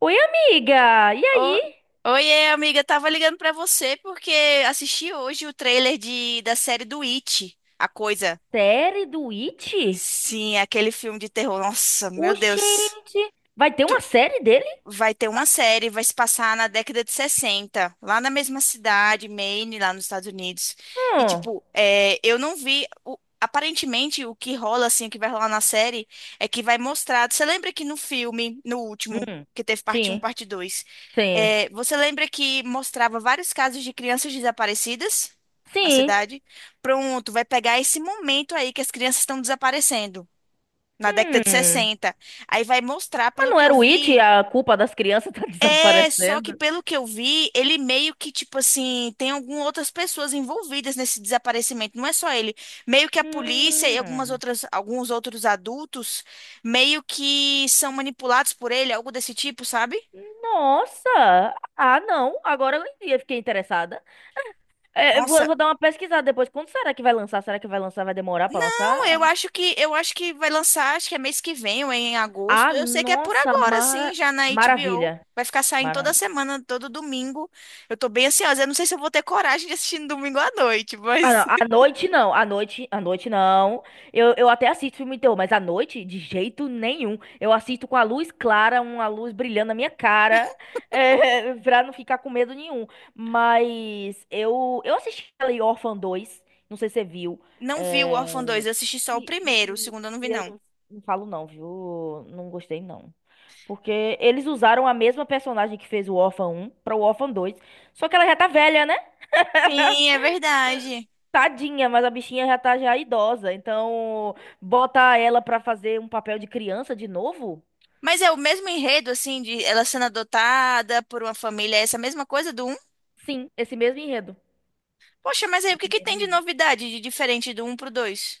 Oi, amiga! E Ô- aí? Oiê, amiga, tava ligando pra você porque assisti hoje o trailer da série do It, A Coisa. Série do It? Sim, aquele filme de terror. Nossa, meu Deus, Oxente! Vai ter uma série dele? vai ter uma série, vai se passar na década de 60 lá na mesma cidade, Maine, lá nos Estados Unidos. E, Hum. tipo, eu não vi. O- aparentemente, o que rola, assim, o que vai rolar na série é que vai mostrar. Você lembra que no filme, no último. Hum. Que teve parte um, Sim, parte dois, sim, é, você lembra que mostrava vários casos de crianças desaparecidas na sim. cidade? Pronto, vai pegar esse momento aí que as crianças estão desaparecendo, na década de Hum. sessenta. Aí vai mostrar, Mas pelo não que eu era o It e vi, a culpa das crianças tá é, só que desaparecendo? pelo que eu vi, ele meio que, tipo assim, tem algumas outras pessoas envolvidas nesse desaparecimento, não é só ele. Meio que a polícia e algumas Hum. outras, alguns outros adultos meio que são manipulados por ele, algo desse tipo, sabe? Nossa! Ah, não. Agora fiquei interessada. É, Nossa, vou dar uma pesquisada depois. Quando será que vai lançar? Será que vai lançar? Vai demorar pra não, lançar? Eu acho que vai lançar, acho que é mês que vem ou em agosto. Ah, Eu sei que é por nossa! agora, sim, já na HBO. Maravilha! Vai ficar saindo toda semana, todo domingo. Eu tô bem ansiosa. Eu não sei se eu vou ter coragem de assistir no domingo à noite, Ah, mas não. À noite não, à noite não. Eu até assisto filme de terror, mas à noite, de jeito nenhum. Eu assisto com a luz clara, uma luz brilhando na minha cara, pra não ficar com medo nenhum. Mas eu assisti ali Orphan 2, não sei se você viu. não vi o Orphan É, 2, eu assisti só o e, primeiro, o e- segundo eu não vi, e eu não. não, Não falo não, viu? Não gostei não. Porque eles usaram a mesma personagem que fez o Orphan 1 para o Orphan 2. Só que ela já tá velha, né? Sim, é verdade. Tadinha, mas a bichinha já tá já idosa, então bota ela pra fazer um papel de criança de novo? Mas é o mesmo enredo, assim, de ela sendo adotada por uma família, é essa mesma coisa do um. Sim, esse mesmo enredo. Poxa, mas aí o que Esse que mesmo tem de enredo. novidade, de diferente do um pro dois?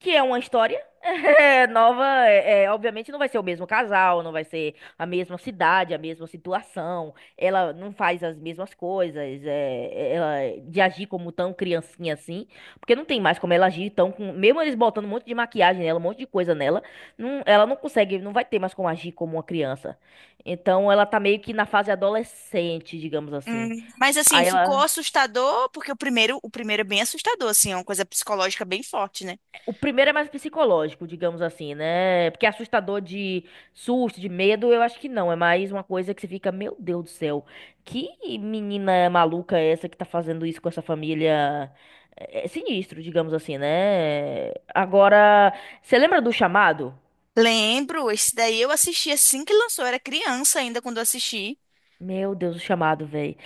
Que é uma história É nova, obviamente não vai ser o mesmo casal, não vai ser a mesma cidade, a mesma situação. Ela não faz as mesmas coisas, ela de agir como tão criancinha assim, porque não tem mais como ela agir tão com, mesmo eles botando um monte de maquiagem nela, um monte de coisa nela, ela não consegue, não vai ter mais como agir como uma criança. Então ela tá meio que na fase adolescente, digamos assim. Mas assim, Aí ficou ela assustador, porque o primeiro é bem assustador, assim, é uma coisa psicológica bem forte, né? O primeiro é mais psicológico, digamos assim, né? Porque assustador de susto, de medo, eu acho que não. É mais uma coisa que você fica, meu Deus do céu, que menina maluca é essa que tá fazendo isso com essa família? É sinistro, digamos assim, né? Agora, você lembra do chamado? Lembro, esse daí eu assisti assim que lançou, eu era criança ainda quando eu assisti. Meu Deus, o chamado, velho.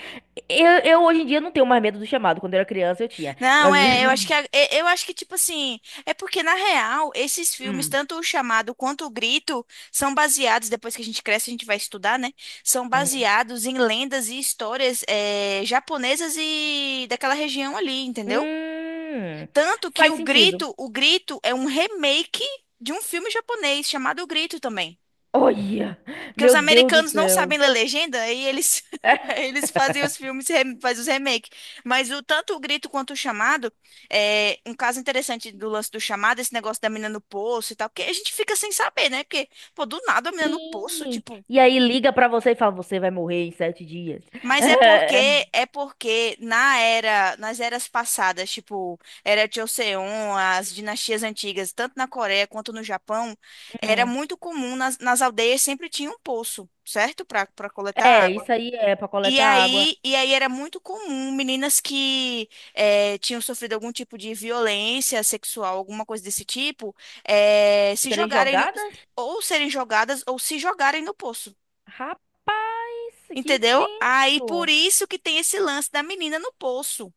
Eu hoje em dia não tenho mais medo do chamado. Quando eu era criança eu tinha. Não, Mas. é, eu acho que eu acho que tipo assim, é porque na real, esses filmes, Hum, tanto o Chamado quanto o Grito, são baseados, depois que a gente cresce, a gente vai estudar, né? São hum. baseados em lendas e histórias, é, japonesas e daquela região ali, entendeu? Hum, Tanto que faz sentido. O Grito é um remake de um filme japonês chamado O Grito também. Olha! Porque os Meu Deus do americanos não céu. sabem ler legenda, aí eles, aí eles fazem os filmes, fazem os remakes. Mas o tanto o grito quanto o chamado, é um caso interessante do lance do chamado, esse negócio da menina no poço e tal, que a gente fica sem saber, né? Porque, pô, do nada a menina no poço, Sim. tipo. E aí liga pra você e fala, você vai morrer em sete dias. Mas É, é porque na era, nas eras passadas, tipo, era Joseon, as dinastias antigas, tanto na Coreia quanto no Japão, era hum. muito comum nas aldeias sempre tinha um poço, certo? Para coletar É, água. isso aí é pra E coletar água. aí, era muito comum meninas que eh, tinham sofrido algum tipo de violência sexual, alguma coisa desse tipo, se Serem jogarem no- jogadas? ou serem jogadas ou se jogarem no poço. Rapaz, que Entendeu? Aí por tenso. isso que tem esse lance da menina no poço.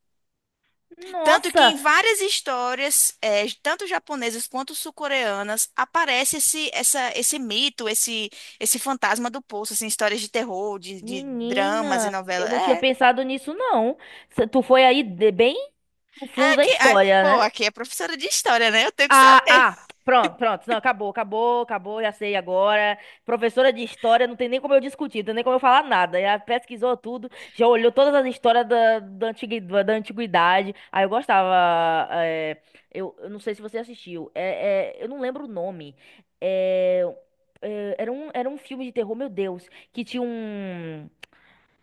Tanto que Nossa, em várias histórias, tanto japonesas quanto sul-coreanas, aparece esse mito, esse fantasma do poço, assim, histórias de terror, de dramas e menina, eu novelas. não tinha É, pensado nisso, não. Tu foi bem no é fundo da aqui, é- história, pô, né? aqui é professora de história, né? Eu tenho que Ah, saber. ah, pronto, pronto. Não, acabou, acabou, acabou, já sei agora. Professora de história, não tem nem como eu discutir, não tem nem como eu falar nada. Já pesquisou tudo, já olhou todas as histórias da antiguidade. Aí eu gostava. Eu não sei se você assistiu. Eu não lembro o nome. É, era um filme de terror, meu Deus, que tinha um.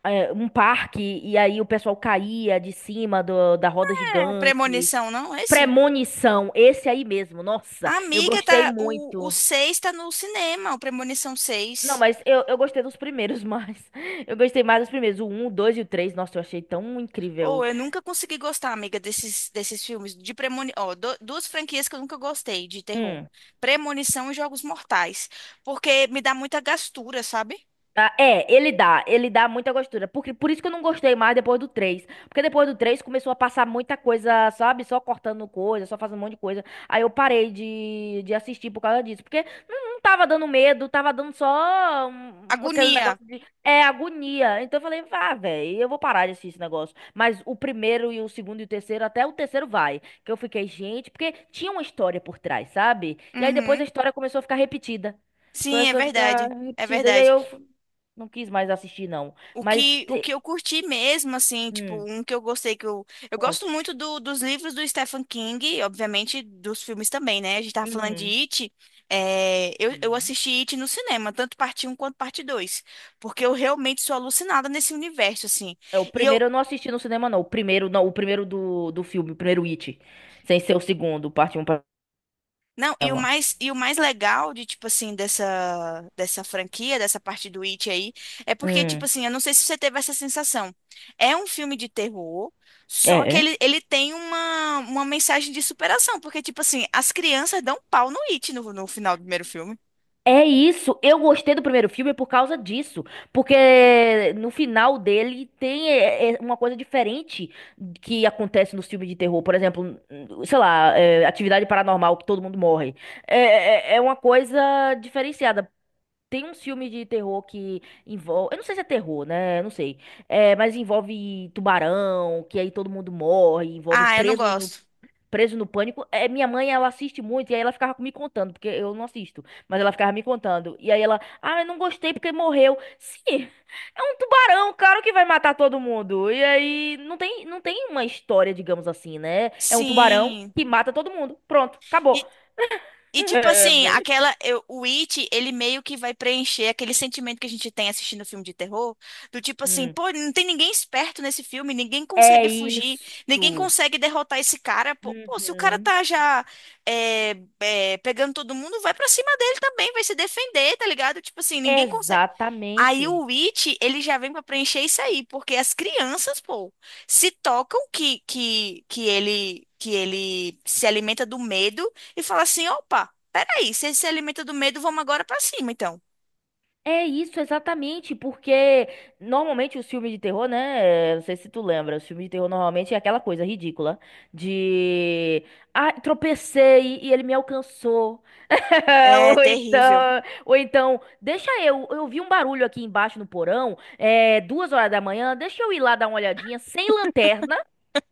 Um parque, e aí o pessoal caía de da roda É gigante. premonição, não esse? Premonição, esse aí mesmo. Nossa, eu Amiga, gostei tá, o muito. seis tá no cinema, o Premonição Não, seis. mas eu gostei dos primeiros mais. Eu gostei mais dos primeiros. O 1, o 2 e o 3. Nossa, eu achei tão Ou incrível. eu nunca consegui gostar, amiga, desses filmes de premonição. Ó, du- duas franquias que eu nunca gostei de terror: Hum. Premonição e Jogos Mortais. Porque me dá muita gastura, sabe? Ah, é, ele dá. Ele dá muita gostura. Porque por isso que eu não gostei mais depois do três. Porque depois do 3 começou a passar muita coisa, sabe? Só cortando coisa, só fazendo um monte de coisa. Aí eu parei de assistir por causa disso. Porque não tava dando medo, tava dando só aquele Agonia. negócio de agonia. Então eu falei, vá, velho, eu vou parar de assistir esse negócio. Mas o primeiro e o segundo e o terceiro, até o terceiro vai. Que eu fiquei, gente, porque tinha uma história por trás, sabe? E aí depois a Uhum. história começou a ficar repetida. Sim, é Começou a ficar verdade. É repetida. E aí verdade. Não quis mais assistir, não. O Mas que, o te... que eu curti mesmo, assim, tipo, hum, um que eu gostei, que eu... Eu gosto muito conte. Dos livros do Stephen King, obviamente dos filmes também, né? A gente tava falando de Uhum. It, é, eu Uhum. assisti It no cinema, tanto parte Um quanto parte Dois, porque eu realmente sou alucinada nesse universo, assim. É, o E eu, primeiro eu não assisti no cinema, não. O primeiro, não, o primeiro do filme, o primeiro It. Sem ser o segundo, parte um não, para e o mais legal de, tipo assim, dessa franquia, dessa parte do It aí, é porque, tipo Hum. assim, eu não sei se você teve essa sensação. É um filme de terror, só que É. é. Ele tem uma mensagem de superação, porque, tipo assim, as crianças dão pau no It no, no final do primeiro filme. É isso, eu gostei do primeiro filme por causa disso, porque no final dele tem uma coisa diferente que acontece nos filmes de terror, por exemplo, sei lá, atividade paranormal que todo mundo morre, é uma coisa diferenciada. Tem um filme de terror que envolve, eu não sei se é terror, né, eu não sei, mas envolve tubarão, que aí todo mundo morre, envolve Ah, eu não preso gosto. Preso no Pânico. É, minha mãe, ela assiste muito e aí ela ficava me contando, porque eu não assisto, mas ela ficava me contando. E aí ela, ah, eu não gostei porque morreu. Sim, é um tubarão, claro que vai matar todo mundo. E aí não tem, não tem uma história, digamos assim, né? É um tubarão Sim. que mata todo mundo. Pronto, acabou. E, e tipo É, assim, véi. aquela eu- o It, ele meio que vai preencher aquele sentimento que a gente tem assistindo filme de terror, do tipo assim, Hum, pô, não tem ninguém esperto nesse filme, ninguém É consegue fugir, isso. ninguém consegue derrotar esse cara. Pô, pô, se o cara Uhum. tá já pegando todo mundo, vai pra cima dele também, vai se defender, tá ligado? Tipo assim, ninguém consegue. Aí Exatamente. o It, ele já vem pra preencher isso aí, porque as crianças, pô, se tocam que ele se alimenta do medo e fala assim, opa, peraí, se ele se alimenta do medo, vamos agora pra cima, então. É isso, exatamente, porque normalmente os filmes de terror, né? Não sei se tu lembra, os filmes de terror normalmente é aquela coisa ridícula de. Ah, tropecei e ele me alcançou. É terrível. Ou então, deixa eu. Eu vi um barulho aqui embaixo no porão, duas horas da manhã, deixa eu ir lá dar uma olhadinha, sem lanterna,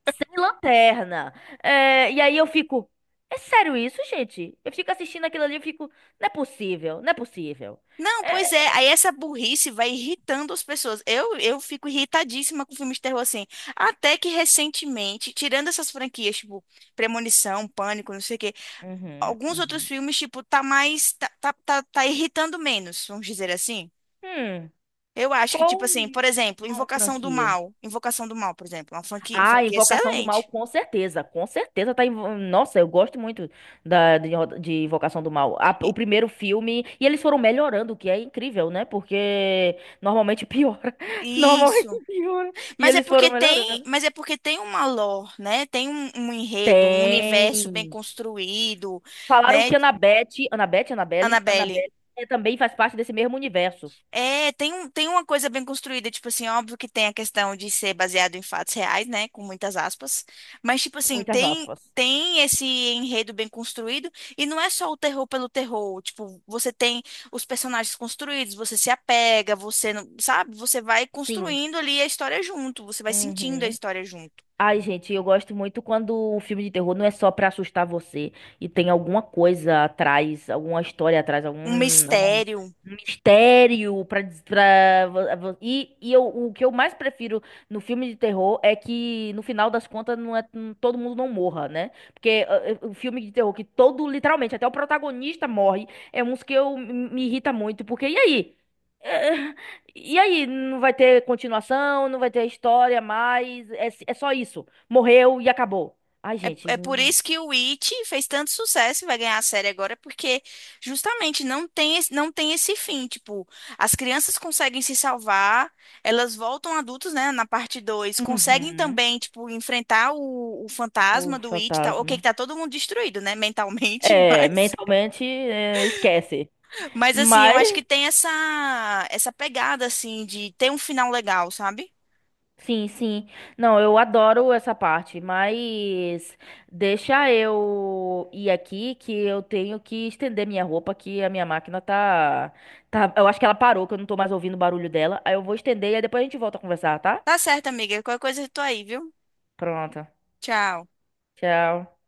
sem lanterna. É, e aí eu fico. É sério isso, gente? Eu fico assistindo aquilo ali, eu fico. Não é possível, não é possível. Não, É, pois é, aí essa burrice vai irritando as pessoas. Eu fico irritadíssima com filmes de terror assim. Até que recentemente, tirando essas franquias, tipo Premonição, Pânico, não sei o quê, uhum, alguns outros uhum. filmes, tipo, tá mais. Tá irritando menos, vamos dizer assim. Hum, Eu acho que, qual tipo assim, por exemplo, uma Invocação do franquia? Mal. Invocação do Mal, por exemplo, é uma franquia, Ah, franquia Invocação do Mal, excelente. com certeza. Com certeza tá. Nossa, eu gosto muito de Invocação do Mal. I- O primeiro filme. E eles foram melhorando, o que é incrível, né? Porque normalmente piora. Normalmente isso. piora. E Mas é eles porque foram tem, melhorando. mas é porque tem uma lore, né? Tem um, um enredo, um universo bem Tem. construído, Falaram né? que Annabelle. Annabelle também faz parte desse mesmo universo. É, tem, um- tem uma coisa bem construída, tipo assim, óbvio que tem a questão de ser baseado em fatos reais, né, com muitas aspas, mas tipo assim, Muitas tem aspas. tem esse enredo bem construído e não é só o terror pelo terror, tipo, você tem os personagens construídos, você se apega, você não, sabe, você vai Sim. construindo ali a história junto, você vai sentindo a Uhum. história junto. Ai, gente, eu gosto muito quando o filme de terror não é só pra assustar você e tem alguma coisa atrás, alguma história atrás, Um algum mistério. mistério pra, E, eu, o que eu mais prefiro no filme de terror é que no final das contas todo mundo não morra, né? Porque o filme de terror que todo, literalmente, até o protagonista morre, é uns que eu me me irrita muito, porque e aí? É, e aí, não vai ter continuação, não vai ter história mais, é só isso. Morreu e acabou. Ai, É, gente. é por isso que o It fez tanto sucesso e vai ganhar a série agora, porque justamente não tem, esse- não tem esse fim. Tipo, as crianças conseguem se salvar, elas voltam adultos, né, na parte dois conseguem Uhum. também, tipo, enfrentar o O fantasma do It, tá, ok, que fantasma. tá todo mundo destruído, né, mentalmente, É, mas... mentalmente, é, esquece. Mas, assim, eu Mas, acho que tem essa, essa pegada, assim, de ter um final legal, sabe? sim, sim. Não, eu adoro essa parte, mas deixa eu ir aqui que eu tenho que estender minha roupa, que a minha máquina tá, tá. Eu acho que ela parou, que eu não tô mais ouvindo o barulho dela. Aí eu vou estender e aí depois a gente volta a conversar, tá? Tá certo, amiga. Qualquer coisa eu tô aí, viu? Pronto. Tchau. Tchau.